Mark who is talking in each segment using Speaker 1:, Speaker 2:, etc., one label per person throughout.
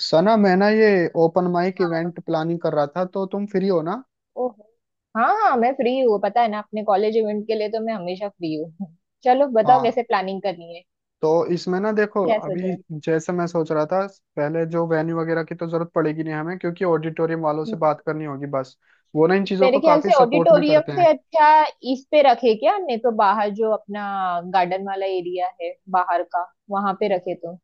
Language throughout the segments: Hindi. Speaker 1: सना मैं ना ये ओपन माइक इवेंट प्लानिंग कर रहा था, तो तुम फ्री हो ना।
Speaker 2: ओहो, हाँ हाँ, मैं फ्री हूँ। पता है ना, अपने कॉलेज इवेंट के लिए तो मैं हमेशा फ्री हूँ। चलो बताओ
Speaker 1: हाँ,
Speaker 2: कैसे प्लानिंग करनी है।
Speaker 1: तो इसमें ना देखो
Speaker 2: क्या सोचा
Speaker 1: अभी,
Speaker 2: है?
Speaker 1: जैसे मैं सोच रहा था, पहले जो वेन्यू वगैरह की तो जरूरत पड़ेगी नहीं हमें क्योंकि ऑडिटोरियम वालों से
Speaker 2: हम्म।
Speaker 1: बात करनी होगी बस। वो ना इन चीज़ों
Speaker 2: मेरे
Speaker 1: को
Speaker 2: ख्याल
Speaker 1: काफ़ी
Speaker 2: से
Speaker 1: सपोर्ट भी
Speaker 2: ऑडिटोरियम
Speaker 1: करते
Speaker 2: से
Speaker 1: हैं।
Speaker 2: अच्छा इस पे रखे, क्या नहीं तो बाहर जो अपना गार्डन वाला एरिया है बाहर का, वहां पे रखे तो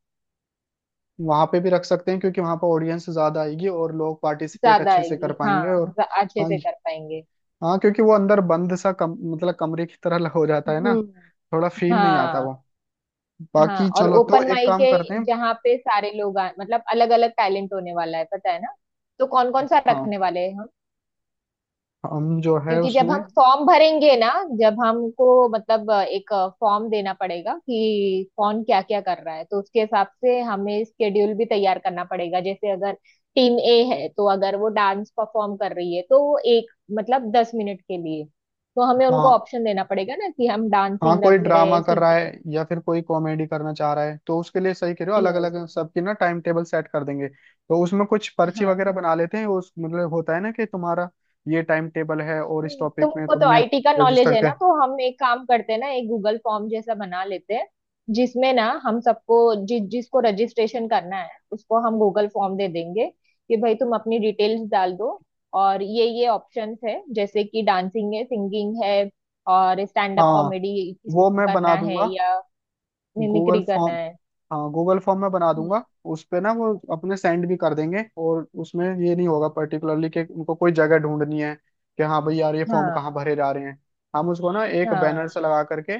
Speaker 1: वहाँ पे भी रख सकते हैं क्योंकि वहाँ पर ऑडियंस ज़्यादा आएगी और लोग पार्टिसिपेट
Speaker 2: ज्यादा
Speaker 1: अच्छे से कर
Speaker 2: आएगी। हाँ,
Speaker 1: पाएंगे, और
Speaker 2: अच्छे
Speaker 1: हाँ
Speaker 2: से
Speaker 1: ये-
Speaker 2: कर पाएंगे।
Speaker 1: हाँ क्योंकि वो अंदर बंद सा कम मतलब कमरे की तरह हो जाता है ना,
Speaker 2: हम्म।
Speaker 1: थोड़ा फील नहीं आता
Speaker 2: हाँ
Speaker 1: वो।
Speaker 2: हाँ,
Speaker 1: बाकी
Speaker 2: और
Speaker 1: चलो, तो
Speaker 2: ओपन
Speaker 1: एक
Speaker 2: माइक
Speaker 1: काम
Speaker 2: है
Speaker 1: करते हैं।
Speaker 2: जहाँ पे सारे लोग मतलब अलग अलग टैलेंट होने वाला है, पता है ना। तो कौन कौन सा
Speaker 1: हाँ,
Speaker 2: रखने वाले हैं?
Speaker 1: हम जो है
Speaker 2: क्योंकि जब
Speaker 1: उसमें,
Speaker 2: हम फॉर्म भरेंगे ना, जब हमको मतलब एक फॉर्म देना पड़ेगा कि कौन क्या क्या कर रहा है, तो उसके हिसाब से हमें स्केड्यूल भी तैयार करना पड़ेगा। जैसे अगर टीम ए है, तो अगर वो डांस परफॉर्म कर रही है तो वो एक मतलब 10 मिनट के लिए, तो हमें उनको
Speaker 1: हाँ,
Speaker 2: ऑप्शन देना पड़ेगा ना कि हम
Speaker 1: हाँ
Speaker 2: डांसिंग
Speaker 1: कोई
Speaker 2: रखे
Speaker 1: ड्रामा
Speaker 2: रहे,
Speaker 1: कर रहा
Speaker 2: सिंगिंग।
Speaker 1: है या फिर कोई कॉमेडी करना चाह रहा है तो उसके लिए सही कह रहे हो, अलग अलग सबकी ना टाइम टेबल सेट कर देंगे, तो उसमें कुछ पर्ची वगैरह
Speaker 2: यस।
Speaker 1: बना लेते हैं उस, मतलब होता है ना कि तुम्हारा ये टाइम टेबल है और इस टॉपिक में
Speaker 2: तुमको तो
Speaker 1: तुमने
Speaker 2: आईटी का नॉलेज
Speaker 1: रजिस्टर
Speaker 2: है
Speaker 1: किया
Speaker 2: ना,
Speaker 1: है।
Speaker 2: तो हम एक काम करते हैं ना, एक गूगल फॉर्म जैसा बना लेते हैं जिसमें ना हम सबको जिसको रजिस्ट्रेशन करना है उसको हम गूगल फॉर्म दे देंगे कि भाई तुम अपनी डिटेल्स डाल दो, और ये ऑप्शंस है जैसे कि डांसिंग है, सिंगिंग है, और स्टैंड अप
Speaker 1: हाँ
Speaker 2: कॉमेडी किसी
Speaker 1: वो
Speaker 2: को
Speaker 1: मैं बना
Speaker 2: करना है
Speaker 1: दूंगा
Speaker 2: या
Speaker 1: गूगल
Speaker 2: मिमिक्री करना
Speaker 1: फॉर्म।
Speaker 2: है।
Speaker 1: हाँ, गूगल फॉर्म में बना
Speaker 2: हम्म,
Speaker 1: दूंगा। उस पे ना वो अपने सेंड भी कर देंगे, और उसमें ये नहीं होगा पर्टिकुलरली कि उनको कोई जगह ढूंढनी है कि हाँ भाई यार ये फॉर्म
Speaker 2: हाँ
Speaker 1: कहाँ भरे जा रहे हैं। हम उसको ना एक बैनर
Speaker 2: हाँ।
Speaker 1: से लगा करके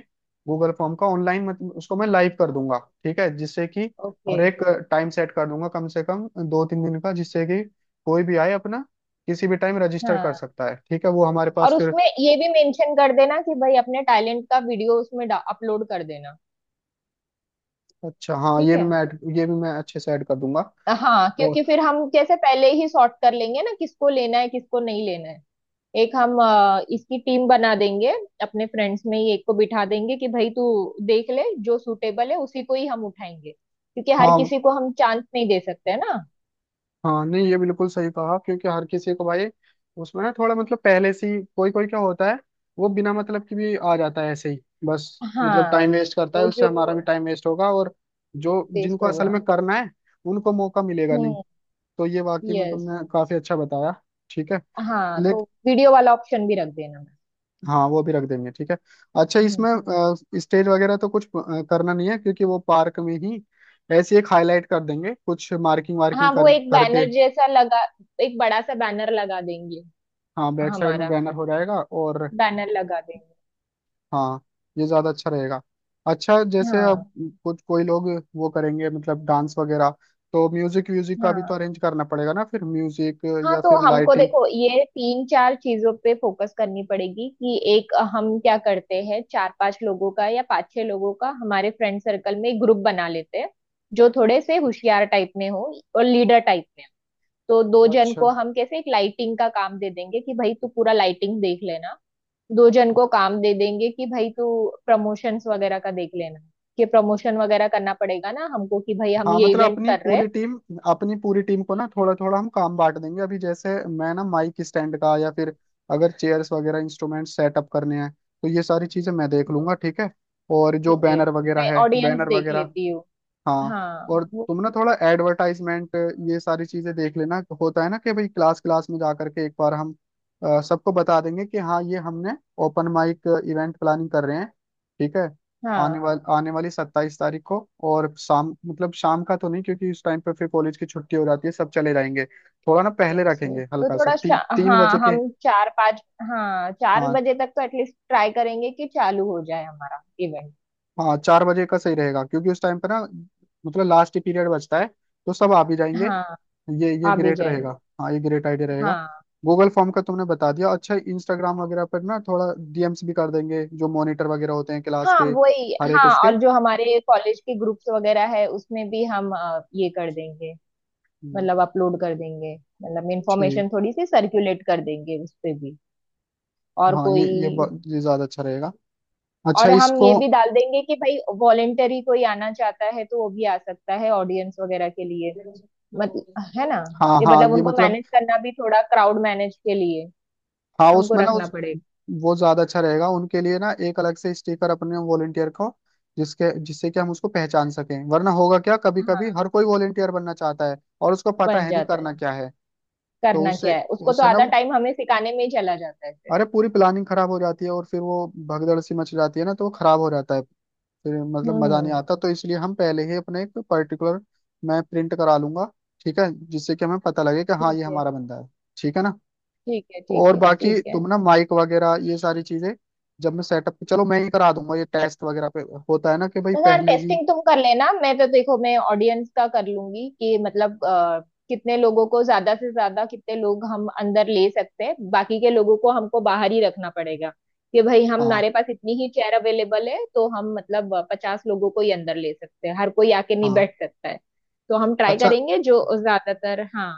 Speaker 1: गूगल फॉर्म का ऑनलाइन, मतलब उसको मैं लाइव कर दूंगा, ठीक है, जिससे कि
Speaker 2: ओके।
Speaker 1: और एक टाइम सेट कर दूंगा कम से कम 2 3 दिन का, जिससे कि कोई भी आए अपना किसी भी टाइम रजिस्टर कर
Speaker 2: हाँ,
Speaker 1: सकता है। ठीक है, वो हमारे पास
Speaker 2: और
Speaker 1: फिर।
Speaker 2: उसमें ये भी मेंशन कर देना कि भाई अपने टैलेंट का वीडियो उसमें अपलोड कर देना।
Speaker 1: अच्छा हाँ,
Speaker 2: ठीक
Speaker 1: ये भी
Speaker 2: है।
Speaker 1: मैं ये भी मैं अच्छे से ऐड कर दूंगा।
Speaker 2: हाँ, क्योंकि
Speaker 1: और
Speaker 2: फिर हम जैसे पहले ही सॉर्ट कर लेंगे ना, किसको लेना है किसको नहीं लेना है। एक हम इसकी टीम बना देंगे, अपने फ्रेंड्स में ही एक को बिठा देंगे कि भाई तू देख ले जो सूटेबल है उसी को ही हम उठाएंगे, क्योंकि हर
Speaker 1: हाँ,
Speaker 2: किसी को हम चांस नहीं दे सकते, है ना।
Speaker 1: हाँ नहीं, ये बिल्कुल सही कहा, क्योंकि हर किसी को भाई, उसमें ना थोड़ा मतलब पहले से ही कोई कोई क्या होता है, वो बिना मतलब की भी आ जाता है ऐसे ही, बस मतलब
Speaker 2: हाँ,
Speaker 1: टाइम वेस्ट करता है,
Speaker 2: तो
Speaker 1: उससे हमारा
Speaker 2: जो
Speaker 1: भी टाइम वेस्ट होगा, और जो
Speaker 2: बेस्ट
Speaker 1: जिनको असल
Speaker 2: होगा।
Speaker 1: में करना है उनको मौका मिलेगा नहीं।
Speaker 2: हम्म।
Speaker 1: तो ये वाकई में
Speaker 2: यस।
Speaker 1: तुमने काफी अच्छा बताया। ठीक है,
Speaker 2: हाँ, तो
Speaker 1: लेकिन
Speaker 2: वीडियो वाला ऑप्शन भी रख देना मैम।
Speaker 1: हाँ वो भी रख देंगे, ठीक है। अच्छा
Speaker 2: हम्म,
Speaker 1: इसमें स्टेज वगैरह तो कुछ करना नहीं है क्योंकि वो पार्क में ही ऐसे एक हाईलाइट कर देंगे कुछ मार्किंग वार्किंग
Speaker 2: हाँ,
Speaker 1: कर
Speaker 2: वो एक
Speaker 1: करके।
Speaker 2: बैनर जैसा लगा, एक बड़ा सा बैनर लगा देंगे।
Speaker 1: हाँ बैक साइड में
Speaker 2: हमारा
Speaker 1: बैनर हो जाएगा, और
Speaker 2: बैनर लगा देंगे।
Speaker 1: हाँ ये ज्यादा अच्छा रहेगा। अच्छा, जैसे अब
Speaker 2: हाँ
Speaker 1: कुछ कोई लोग वो करेंगे मतलब डांस वगैरह, तो म्यूजिक व्यूजिक का भी तो
Speaker 2: हाँ
Speaker 1: अरेंज करना पड़ेगा ना, फिर म्यूजिक
Speaker 2: हाँ,
Speaker 1: या
Speaker 2: तो
Speaker 1: फिर
Speaker 2: हमको
Speaker 1: लाइटिंग।
Speaker 2: देखो ये तीन चार चीजों पे फोकस करनी पड़ेगी, कि एक हम क्या करते हैं, चार पांच लोगों का या पांच छह लोगों का हमारे फ्रेंड सर्कल में एक ग्रुप बना लेते हैं जो थोड़े से होशियार टाइप में हो और लीडर टाइप में। तो दो जन
Speaker 1: अच्छा,
Speaker 2: को हम कैसे एक लाइटिंग का काम दे देंगे कि भाई तू पूरा लाइटिंग देख लेना, दो जन को काम दे देंगे कि भाई तू प्रमोशंस वगैरह का देख लेना। कि प्रमोशन वगैरह करना पड़ेगा ना हमको, कि भाई हम
Speaker 1: हाँ
Speaker 2: ये
Speaker 1: मतलब
Speaker 2: इवेंट कर रहे हैं।
Speaker 1: अपनी पूरी टीम को ना थोड़ा थोड़ा हम काम बांट देंगे। अभी जैसे मैं ना माइक स्टैंड का, या फिर अगर चेयर्स वगैरह इंस्ट्रूमेंट सेटअप करने हैं तो ये सारी चीजें मैं देख लूंगा, ठीक है। और जो
Speaker 2: ठीक है,
Speaker 1: बैनर वगैरह
Speaker 2: मैं
Speaker 1: है,
Speaker 2: ऑडियंस
Speaker 1: बैनर
Speaker 2: देख
Speaker 1: वगैरह,
Speaker 2: लेती हूँ।
Speaker 1: हाँ,
Speaker 2: हाँ
Speaker 1: और
Speaker 2: वो।
Speaker 1: तुम ना थोड़ा एडवर्टाइजमेंट ये सारी चीजें देख लेना। होता है ना कि भाई क्लास क्लास में जा करके एक बार हम सबको बता देंगे कि हाँ ये हमने ओपन माइक इवेंट प्लानिंग कर रहे हैं, ठीक है।
Speaker 2: हाँ,
Speaker 1: आने वाली 27 तारीख को, और शाम, मतलब शाम का तो नहीं क्योंकि उस टाइम पे फिर कॉलेज की छुट्टी हो जाती है, सब चले जाएंगे, थोड़ा ना पहले
Speaker 2: यस
Speaker 1: रखेंगे
Speaker 2: यस, तो
Speaker 1: हल्का सा
Speaker 2: थोड़ा
Speaker 1: 3 बजे
Speaker 2: हाँ,
Speaker 1: के।
Speaker 2: हम चार पाँच। हाँ, चार
Speaker 1: हाँ,
Speaker 2: बजे तक तो एटलीस्ट ट्राई करेंगे कि चालू हो जाए हमारा इवेंट।
Speaker 1: हाँ 4 बजे का सही रहेगा क्योंकि उस टाइम पे ना मतलब लास्ट पीरियड बचता है तो सब आ भी जाएंगे।
Speaker 2: हाँ,
Speaker 1: ये
Speaker 2: आ भी
Speaker 1: ग्रेट
Speaker 2: जाएंगे।
Speaker 1: रहेगा। हाँ ये ग्रेट आइडिया रहेगा।
Speaker 2: हाँ।
Speaker 1: गूगल फॉर्म का तुमने बता दिया। अच्छा, इंस्टाग्राम वगैरह पर ना थोड़ा डीएम्स भी कर देंगे, जो मॉनिटर वगैरह होते हैं क्लास
Speaker 2: हाँ
Speaker 1: के
Speaker 2: वही,
Speaker 1: हर एक
Speaker 2: हाँ,
Speaker 1: उसके।
Speaker 2: और जो हमारे कॉलेज के ग्रुप्स वगैरह है उसमें भी हम ये कर देंगे,
Speaker 1: हम्म,
Speaker 2: मतलब अपलोड कर देंगे, मतलब
Speaker 1: ठीक,
Speaker 2: इंफॉर्मेशन थोड़ी सी सर्कुलेट कर देंगे उस पे भी। और
Speaker 1: हाँ
Speaker 2: कोई।
Speaker 1: ये ज्यादा अच्छा रहेगा। अच्छा
Speaker 2: और हम
Speaker 1: इसको,
Speaker 2: ये भी डाल देंगे कि भाई वॉलेंटरी कोई आना चाहता है तो वो भी आ सकता है, ऑडियंस वगैरह के लिए, मतलब है ना।
Speaker 1: हाँ
Speaker 2: ये
Speaker 1: हाँ
Speaker 2: मतलब
Speaker 1: ये
Speaker 2: उनको
Speaker 1: मतलब,
Speaker 2: मैनेज करना भी थोड़ा, क्राउड मैनेज के लिए
Speaker 1: हाँ
Speaker 2: हमको
Speaker 1: उसमें ना
Speaker 2: रखना
Speaker 1: उस,
Speaker 2: पड़ेगा।
Speaker 1: वो ज्यादा अच्छा रहेगा उनके लिए ना, एक अलग से स्टिकर अपने वॉलेंटियर को जिसके जिससे कि हम उसको पहचान सकें, वरना होगा क्या, कभी कभी
Speaker 2: हाँ,
Speaker 1: हर कोई वॉलेंटियर बनना चाहता है और उसको पता
Speaker 2: बन
Speaker 1: है नहीं
Speaker 2: जाता
Speaker 1: करना
Speaker 2: है।
Speaker 1: क्या है। तो
Speaker 2: करना क्या
Speaker 1: उससे
Speaker 2: है उसको, तो
Speaker 1: उससे ना
Speaker 2: आधा
Speaker 1: वो,
Speaker 2: टाइम हमें सिखाने में ही चला जाता है फिर।
Speaker 1: अरे पूरी प्लानिंग खराब हो जाती है और फिर वो भगदड़ सी मच जाती है ना, तो वो खराब हो जाता है। फिर मतलब मजा नहीं
Speaker 2: हम्म।
Speaker 1: आता, तो इसलिए हम पहले ही अपने एक पर्टिकुलर, मैं प्रिंट करा लूंगा, ठीक है, जिससे कि हमें पता लगे कि हाँ
Speaker 2: ठीक
Speaker 1: ये
Speaker 2: है।
Speaker 1: हमारा बंदा है। ठीक है ना।
Speaker 2: ठीक है, ठीक
Speaker 1: और
Speaker 2: है, ठीक
Speaker 1: बाकी
Speaker 2: है।
Speaker 1: तुम ना माइक वगैरह ये सारी चीजें, जब मैं सेटअप, चलो मैं ही करा दूंगा, ये टेस्ट वगैरह पे होता है ना कि भाई
Speaker 2: यार,
Speaker 1: पहले ही,
Speaker 2: टेस्टिंग तुम कर लेना, मैं तो देखो मैं ऑडियंस का कर लूंगी कि मतलब कितने लोगों को, ज्यादा से ज्यादा कितने लोग हम अंदर ले सकते हैं, बाकी के लोगों को हमको बाहर ही रखना पड़ेगा। कि भाई
Speaker 1: हाँ,
Speaker 2: हमारे पास इतनी ही चेयर अवेलेबल है, तो हम मतलब 50 लोगों को ही अंदर ले सकते हैं, हर कोई आके नहीं
Speaker 1: हाँ।
Speaker 2: बैठ सकता है। तो हम ट्राई
Speaker 1: अच्छा,
Speaker 2: करेंगे जो ज्यादातर, हाँ।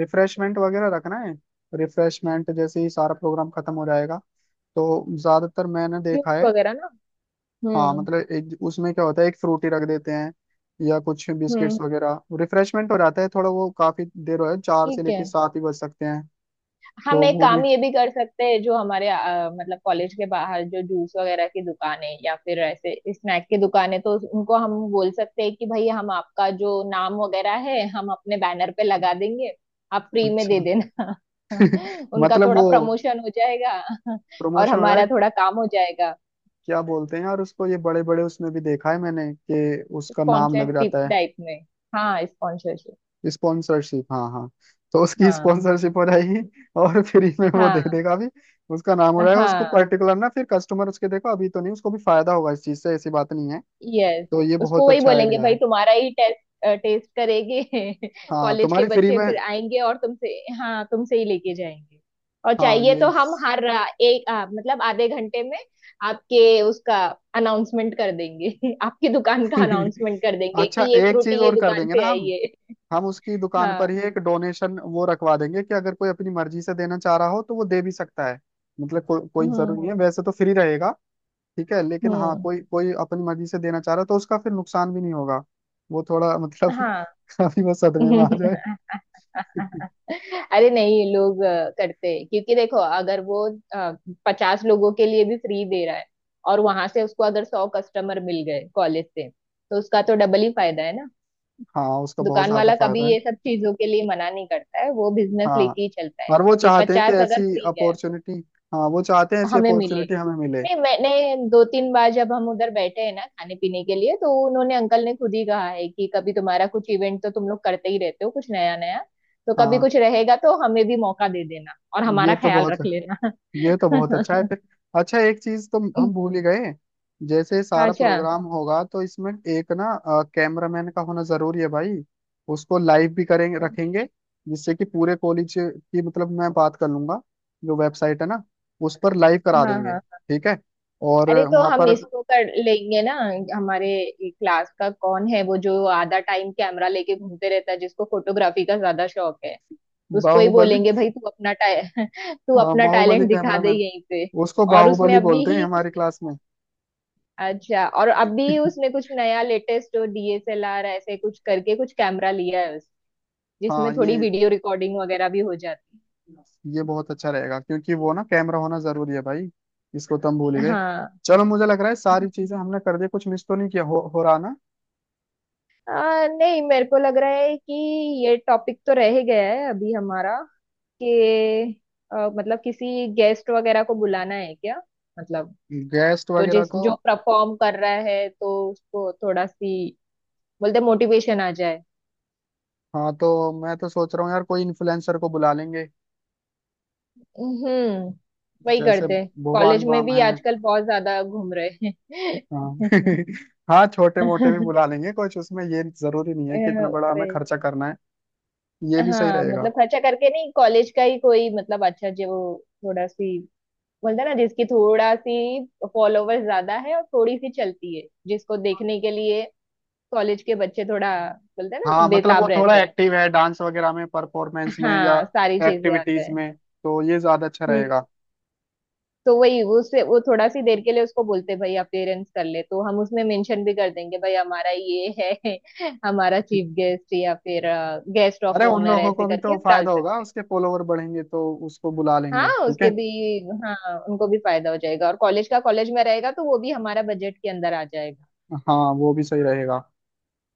Speaker 1: रिफ्रेशमेंट वगैरह रखना है। रिफ्रेशमेंट जैसे ही सारा प्रोग्राम खत्म हो जाएगा, तो ज्यादातर मैंने
Speaker 2: जूस
Speaker 1: देखा है,
Speaker 2: वगैरह ना।
Speaker 1: हाँ
Speaker 2: हम्म।
Speaker 1: मतलब एक उसमें क्या होता है, एक फ्रूटी रख देते हैं या कुछ
Speaker 2: हम्म,
Speaker 1: बिस्किट्स वगैरह, रिफ्रेशमेंट हो जाता है थोड़ा, वो काफी देर हो है, चार से
Speaker 2: ठीक है।
Speaker 1: लेके सात ही बज सकते हैं।
Speaker 2: हम
Speaker 1: तो
Speaker 2: एक
Speaker 1: वो भी,
Speaker 2: काम ये भी कर सकते हैं, जो हमारे मतलब कॉलेज के बाहर जो जूस वगैरह की दुकान है या फिर ऐसे स्नैक की दुकान है, तो उनको हम बोल सकते हैं कि भाई हम आपका जो नाम वगैरह है हम अपने बैनर पे लगा देंगे, आप फ्री में
Speaker 1: अच्छा,
Speaker 2: दे देना। उनका
Speaker 1: मतलब
Speaker 2: थोड़ा
Speaker 1: वो
Speaker 2: प्रमोशन हो जाएगा। और
Speaker 1: प्रमोशन हो रहा है।
Speaker 2: हमारा थोड़ा काम हो जाएगा।
Speaker 1: क्या बोलते हैं यार उसको, ये बड़े बड़े उसमें भी देखा है मैंने कि उसका नाम
Speaker 2: स्पॉन्सर
Speaker 1: लग जाता है।
Speaker 2: टाइप में। हाँ, स्पॉन्सरशिप।
Speaker 1: स्पॉन्सरशिप, हाँ हाँ, तो उसकी
Speaker 2: हाँ
Speaker 1: स्पॉन्सरशिप हो
Speaker 2: तो-
Speaker 1: जाएगी, और फ्री में वो दे
Speaker 2: हाँ
Speaker 1: देगा भी, उसका नाम हो जाएगा उसको
Speaker 2: हाँ,
Speaker 1: पर्टिकुलर ना, फिर कस्टमर उसके देखो, अभी तो नहीं, उसको भी फायदा होगा इस चीज से, ऐसी बात नहीं है।
Speaker 2: यस।
Speaker 1: तो ये
Speaker 2: उसको
Speaker 1: बहुत
Speaker 2: वही
Speaker 1: अच्छा
Speaker 2: बोलेंगे,
Speaker 1: आइडिया
Speaker 2: भाई
Speaker 1: है।
Speaker 2: तुम्हारा ही टेस्ट, टेस्ट करेंगे।
Speaker 1: हाँ
Speaker 2: कॉलेज के
Speaker 1: तुम्हारी फ्री
Speaker 2: बच्चे
Speaker 1: में,
Speaker 2: फिर आएंगे और तुमसे, हाँ, तुमसे ही लेके जाएंगे। और
Speaker 1: हाँ
Speaker 2: चाहिए
Speaker 1: ये,
Speaker 2: तो हम हर एक मतलब आधे घंटे में आपके उसका अनाउंसमेंट कर देंगे। आपकी दुकान का अनाउंसमेंट कर देंगे
Speaker 1: अच्छा
Speaker 2: कि ये
Speaker 1: एक चीज
Speaker 2: फ्रूटी ये
Speaker 1: और कर
Speaker 2: दुकान
Speaker 1: देंगे ना
Speaker 2: से आई
Speaker 1: हम।
Speaker 2: है।
Speaker 1: हम उसकी दुकान पर
Speaker 2: हाँ।
Speaker 1: ही एक डोनेशन वो रखवा देंगे कि अगर कोई अपनी मर्जी से देना चाह रहा हो तो वो दे भी सकता है। मतलब कोई जरूरी नहीं
Speaker 2: हम्म।
Speaker 1: है, वैसे तो फ्री रहेगा, ठीक है, लेकिन हाँ
Speaker 2: हम्म।
Speaker 1: कोई कोई अपनी मर्जी से देना चाह रहा है तो उसका फिर नुकसान भी नहीं होगा। वो थोड़ा मतलब
Speaker 2: हाँ।
Speaker 1: अभी वो सदमे में आ जाए।
Speaker 2: अरे नहीं, लोग करते हैं, क्योंकि देखो अगर वो 50 लोगों के लिए भी फ्री दे रहा है और वहां से उसको अगर 100 कस्टमर मिल गए कॉलेज से, तो उसका तो डबल ही फायदा है ना।
Speaker 1: हाँ उसका बहुत
Speaker 2: दुकान
Speaker 1: ज्यादा
Speaker 2: वाला कभी
Speaker 1: फायदा है।
Speaker 2: ये सब चीजों के लिए मना नहीं करता है, वो बिजनेस
Speaker 1: हाँ,
Speaker 2: लेके ही चलता है।
Speaker 1: और वो
Speaker 2: कि
Speaker 1: चाहते हैं कि
Speaker 2: 50
Speaker 1: ऐसी
Speaker 2: अगर फ्री गया।
Speaker 1: अपॉर्चुनिटी, हाँ वो चाहते हैं ऐसी
Speaker 2: हमें मिले।
Speaker 1: अपॉर्चुनिटी हमें मिले।
Speaker 2: नहीं, मैंने दो तीन बार जब हम उधर बैठे हैं ना खाने पीने के लिए, तो उन्होंने अंकल ने खुद ही कहा है कि कभी तुम्हारा कुछ इवेंट, तो तुम लोग करते ही रहते हो कुछ नया नया, तो कभी कुछ
Speaker 1: हाँ
Speaker 2: रहेगा तो हमें भी मौका दे देना और
Speaker 1: ये
Speaker 2: हमारा
Speaker 1: तो
Speaker 2: ख्याल
Speaker 1: बहुत
Speaker 2: रख लेना।
Speaker 1: ये तो बहुत अच्छा है फिर। अच्छा, एक चीज तो हम भूल ही गए। जैसे सारा
Speaker 2: अच्छा।
Speaker 1: प्रोग्राम होगा तो इसमें एक ना कैमरामैन का होना जरूरी है भाई। उसको लाइव भी करेंगे रखेंगे, जिससे कि पूरे कॉलेज की, मतलब मैं बात कर लूंगा, जो वेबसाइट है ना उस पर लाइव करा
Speaker 2: हाँ
Speaker 1: देंगे,
Speaker 2: हाँ,
Speaker 1: ठीक है। और
Speaker 2: अरे तो
Speaker 1: वहां
Speaker 2: हम
Speaker 1: पर
Speaker 2: इसको कर लेंगे ना। हमारे क्लास का कौन है वो जो आधा टाइम कैमरा लेके घूमते रहता है, जिसको फोटोग्राफी का ज्यादा शौक है, उसको ही
Speaker 1: बाहुबली,
Speaker 2: बोलेंगे भाई तू अपना तू
Speaker 1: हाँ
Speaker 2: अपना
Speaker 1: बाहुबली
Speaker 2: टैलेंट दिखा दे
Speaker 1: कैमरामैन,
Speaker 2: यहीं पे।
Speaker 1: उसको
Speaker 2: और उसने
Speaker 1: बाहुबली
Speaker 2: अभी
Speaker 1: बोलते हैं
Speaker 2: ही कुछ,
Speaker 1: हमारी क्लास में।
Speaker 2: अच्छा, और अभी उसने कुछ नया लेटेस्ट डीएसएलआर ऐसे कुछ करके कुछ कैमरा लिया है उस, जिसमें
Speaker 1: हाँ
Speaker 2: थोड़ी वीडियो रिकॉर्डिंग वगैरह भी हो जाती
Speaker 1: ये बहुत अच्छा रहेगा क्योंकि वो ना कैमरा होना जरूरी है भाई। इसको तो हम भूल ही
Speaker 2: है।
Speaker 1: गए।
Speaker 2: हाँ।
Speaker 1: चलो मुझे लग रहा है सारी चीजें हमने कर दी, कुछ मिस तो नहीं किया हो रहा ना।
Speaker 2: नहीं, मेरे को लग रहा है कि ये टॉपिक तो रह ही गया है अभी हमारा। कि मतलब किसी गेस्ट वगैरह को बुलाना है क्या, मतलब।
Speaker 1: गेस्ट
Speaker 2: तो
Speaker 1: वगैरह
Speaker 2: जिस
Speaker 1: को,
Speaker 2: जो परफॉर्म कर रहा है तो उसको थोड़ा सी, बोलते मोटिवेशन आ जाए।
Speaker 1: हाँ तो मैं तो सोच रहा हूँ यार कोई इन्फ्लुएंसर को बुला लेंगे।
Speaker 2: हम्म, वही
Speaker 1: जैसे
Speaker 2: करते हैं।
Speaker 1: भुवन
Speaker 2: कॉलेज में
Speaker 1: बाम
Speaker 2: भी
Speaker 1: है।
Speaker 2: आजकल बहुत ज्यादा घूम रहे हैं।
Speaker 1: हाँ हाँ छोटे
Speaker 2: अ,
Speaker 1: मोटे भी बुला लेंगे कुछ, उसमें ये जरूरी नहीं है कि इतना बड़ा हमें
Speaker 2: वही।
Speaker 1: खर्चा करना है। ये भी सही
Speaker 2: हाँ,
Speaker 1: रहेगा।
Speaker 2: मतलब खर्चा करके नहीं, कॉलेज का ही कोई मतलब अच्छा जो वो थोड़ा सी बोलते हैं ना, जिसकी थोड़ा सी फॉलोवर ज्यादा है और थोड़ी सी चलती है, जिसको देखने के लिए कॉलेज के बच्चे थोड़ा बोलते हैं
Speaker 1: हाँ
Speaker 2: ना,
Speaker 1: मतलब वो
Speaker 2: बेताब
Speaker 1: थोड़ा
Speaker 2: रहते हैं।
Speaker 1: एक्टिव है डांस वगैरह में परफॉर्मेंस में या
Speaker 2: हाँ, सारी चीजें आता
Speaker 1: एक्टिविटीज में, तो ये ज्यादा अच्छा
Speaker 2: है,
Speaker 1: रहेगा।
Speaker 2: तो वही वो उससे वो थोड़ा सी देर के लिए उसको बोलते भाई अपियरेंस कर ले, तो हम उसमें मेंशन भी कर देंगे भाई हमारा ये है। हमारा चीफ गेस्ट या फिर गेस्ट ऑफ
Speaker 1: अरे उन
Speaker 2: ऑनर
Speaker 1: लोगों
Speaker 2: ऐसे
Speaker 1: को भी
Speaker 2: करके
Speaker 1: तो
Speaker 2: हम डाल
Speaker 1: फायदा होगा,
Speaker 2: सकते हैं।
Speaker 1: उसके फॉलोवर बढ़ेंगे, तो उसको बुला
Speaker 2: हाँ,
Speaker 1: लेंगे, ठीक है।
Speaker 2: उसके भी, हाँ, उनको भी फायदा हो जाएगा और कॉलेज का, कॉलेज में रहेगा तो वो भी हमारा बजट के अंदर आ जाएगा।
Speaker 1: हाँ वो भी सही रहेगा।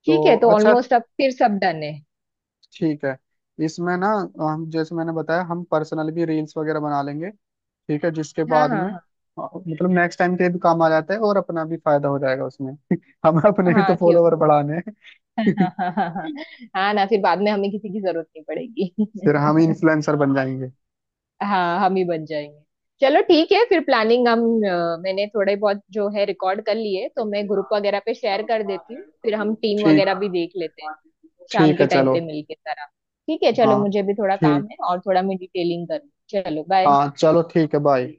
Speaker 2: ठीक
Speaker 1: तो
Speaker 2: है, तो
Speaker 1: अच्छा,
Speaker 2: ऑलमोस्ट अब फिर सब डन है।
Speaker 1: ठीक है। इसमें ना हम, जैसे मैंने बताया, हम पर्सनल भी रील्स वगैरह बना लेंगे, ठीक है, जिसके
Speaker 2: हाँ
Speaker 1: बाद में
Speaker 2: हाँ,
Speaker 1: मतलब नेक्स्ट टाइम के भी काम आ जाता है, और अपना भी फायदा हो जाएगा उसमें, हम अपने भी
Speaker 2: हाँ हाँ,
Speaker 1: तो
Speaker 2: क्यों।
Speaker 1: फॉलोवर बढ़ाने हैं।
Speaker 2: हाँ। हाँ हाँ हाँ। हाँ ना, फिर बाद में हमें किसी की जरूरत नहीं पड़ेगी।
Speaker 1: फिर हम इन्फ्लुएंसर बन जाएंगे।
Speaker 2: हाँ, हम ही बन जाएंगे। चलो, ठीक है। फिर प्लानिंग हम मैंने थोड़े बहुत जो है रिकॉर्ड कर लिए, तो मैं ग्रुप वगैरह पे शेयर कर देती हूँ, फिर हम टीम
Speaker 1: ठीक,
Speaker 2: वगैरह भी देख लेते हैं। शाम
Speaker 1: ठीक
Speaker 2: के
Speaker 1: है
Speaker 2: टाइम
Speaker 1: चलो।
Speaker 2: पे मिलके सारा। ठीक है, चलो,
Speaker 1: हाँ,
Speaker 2: मुझे भी थोड़ा काम
Speaker 1: ठीक,
Speaker 2: है और थोड़ा मैं डिटेलिंग करूँ। चलो बाय।
Speaker 1: हाँ, चलो ठीक है बाय।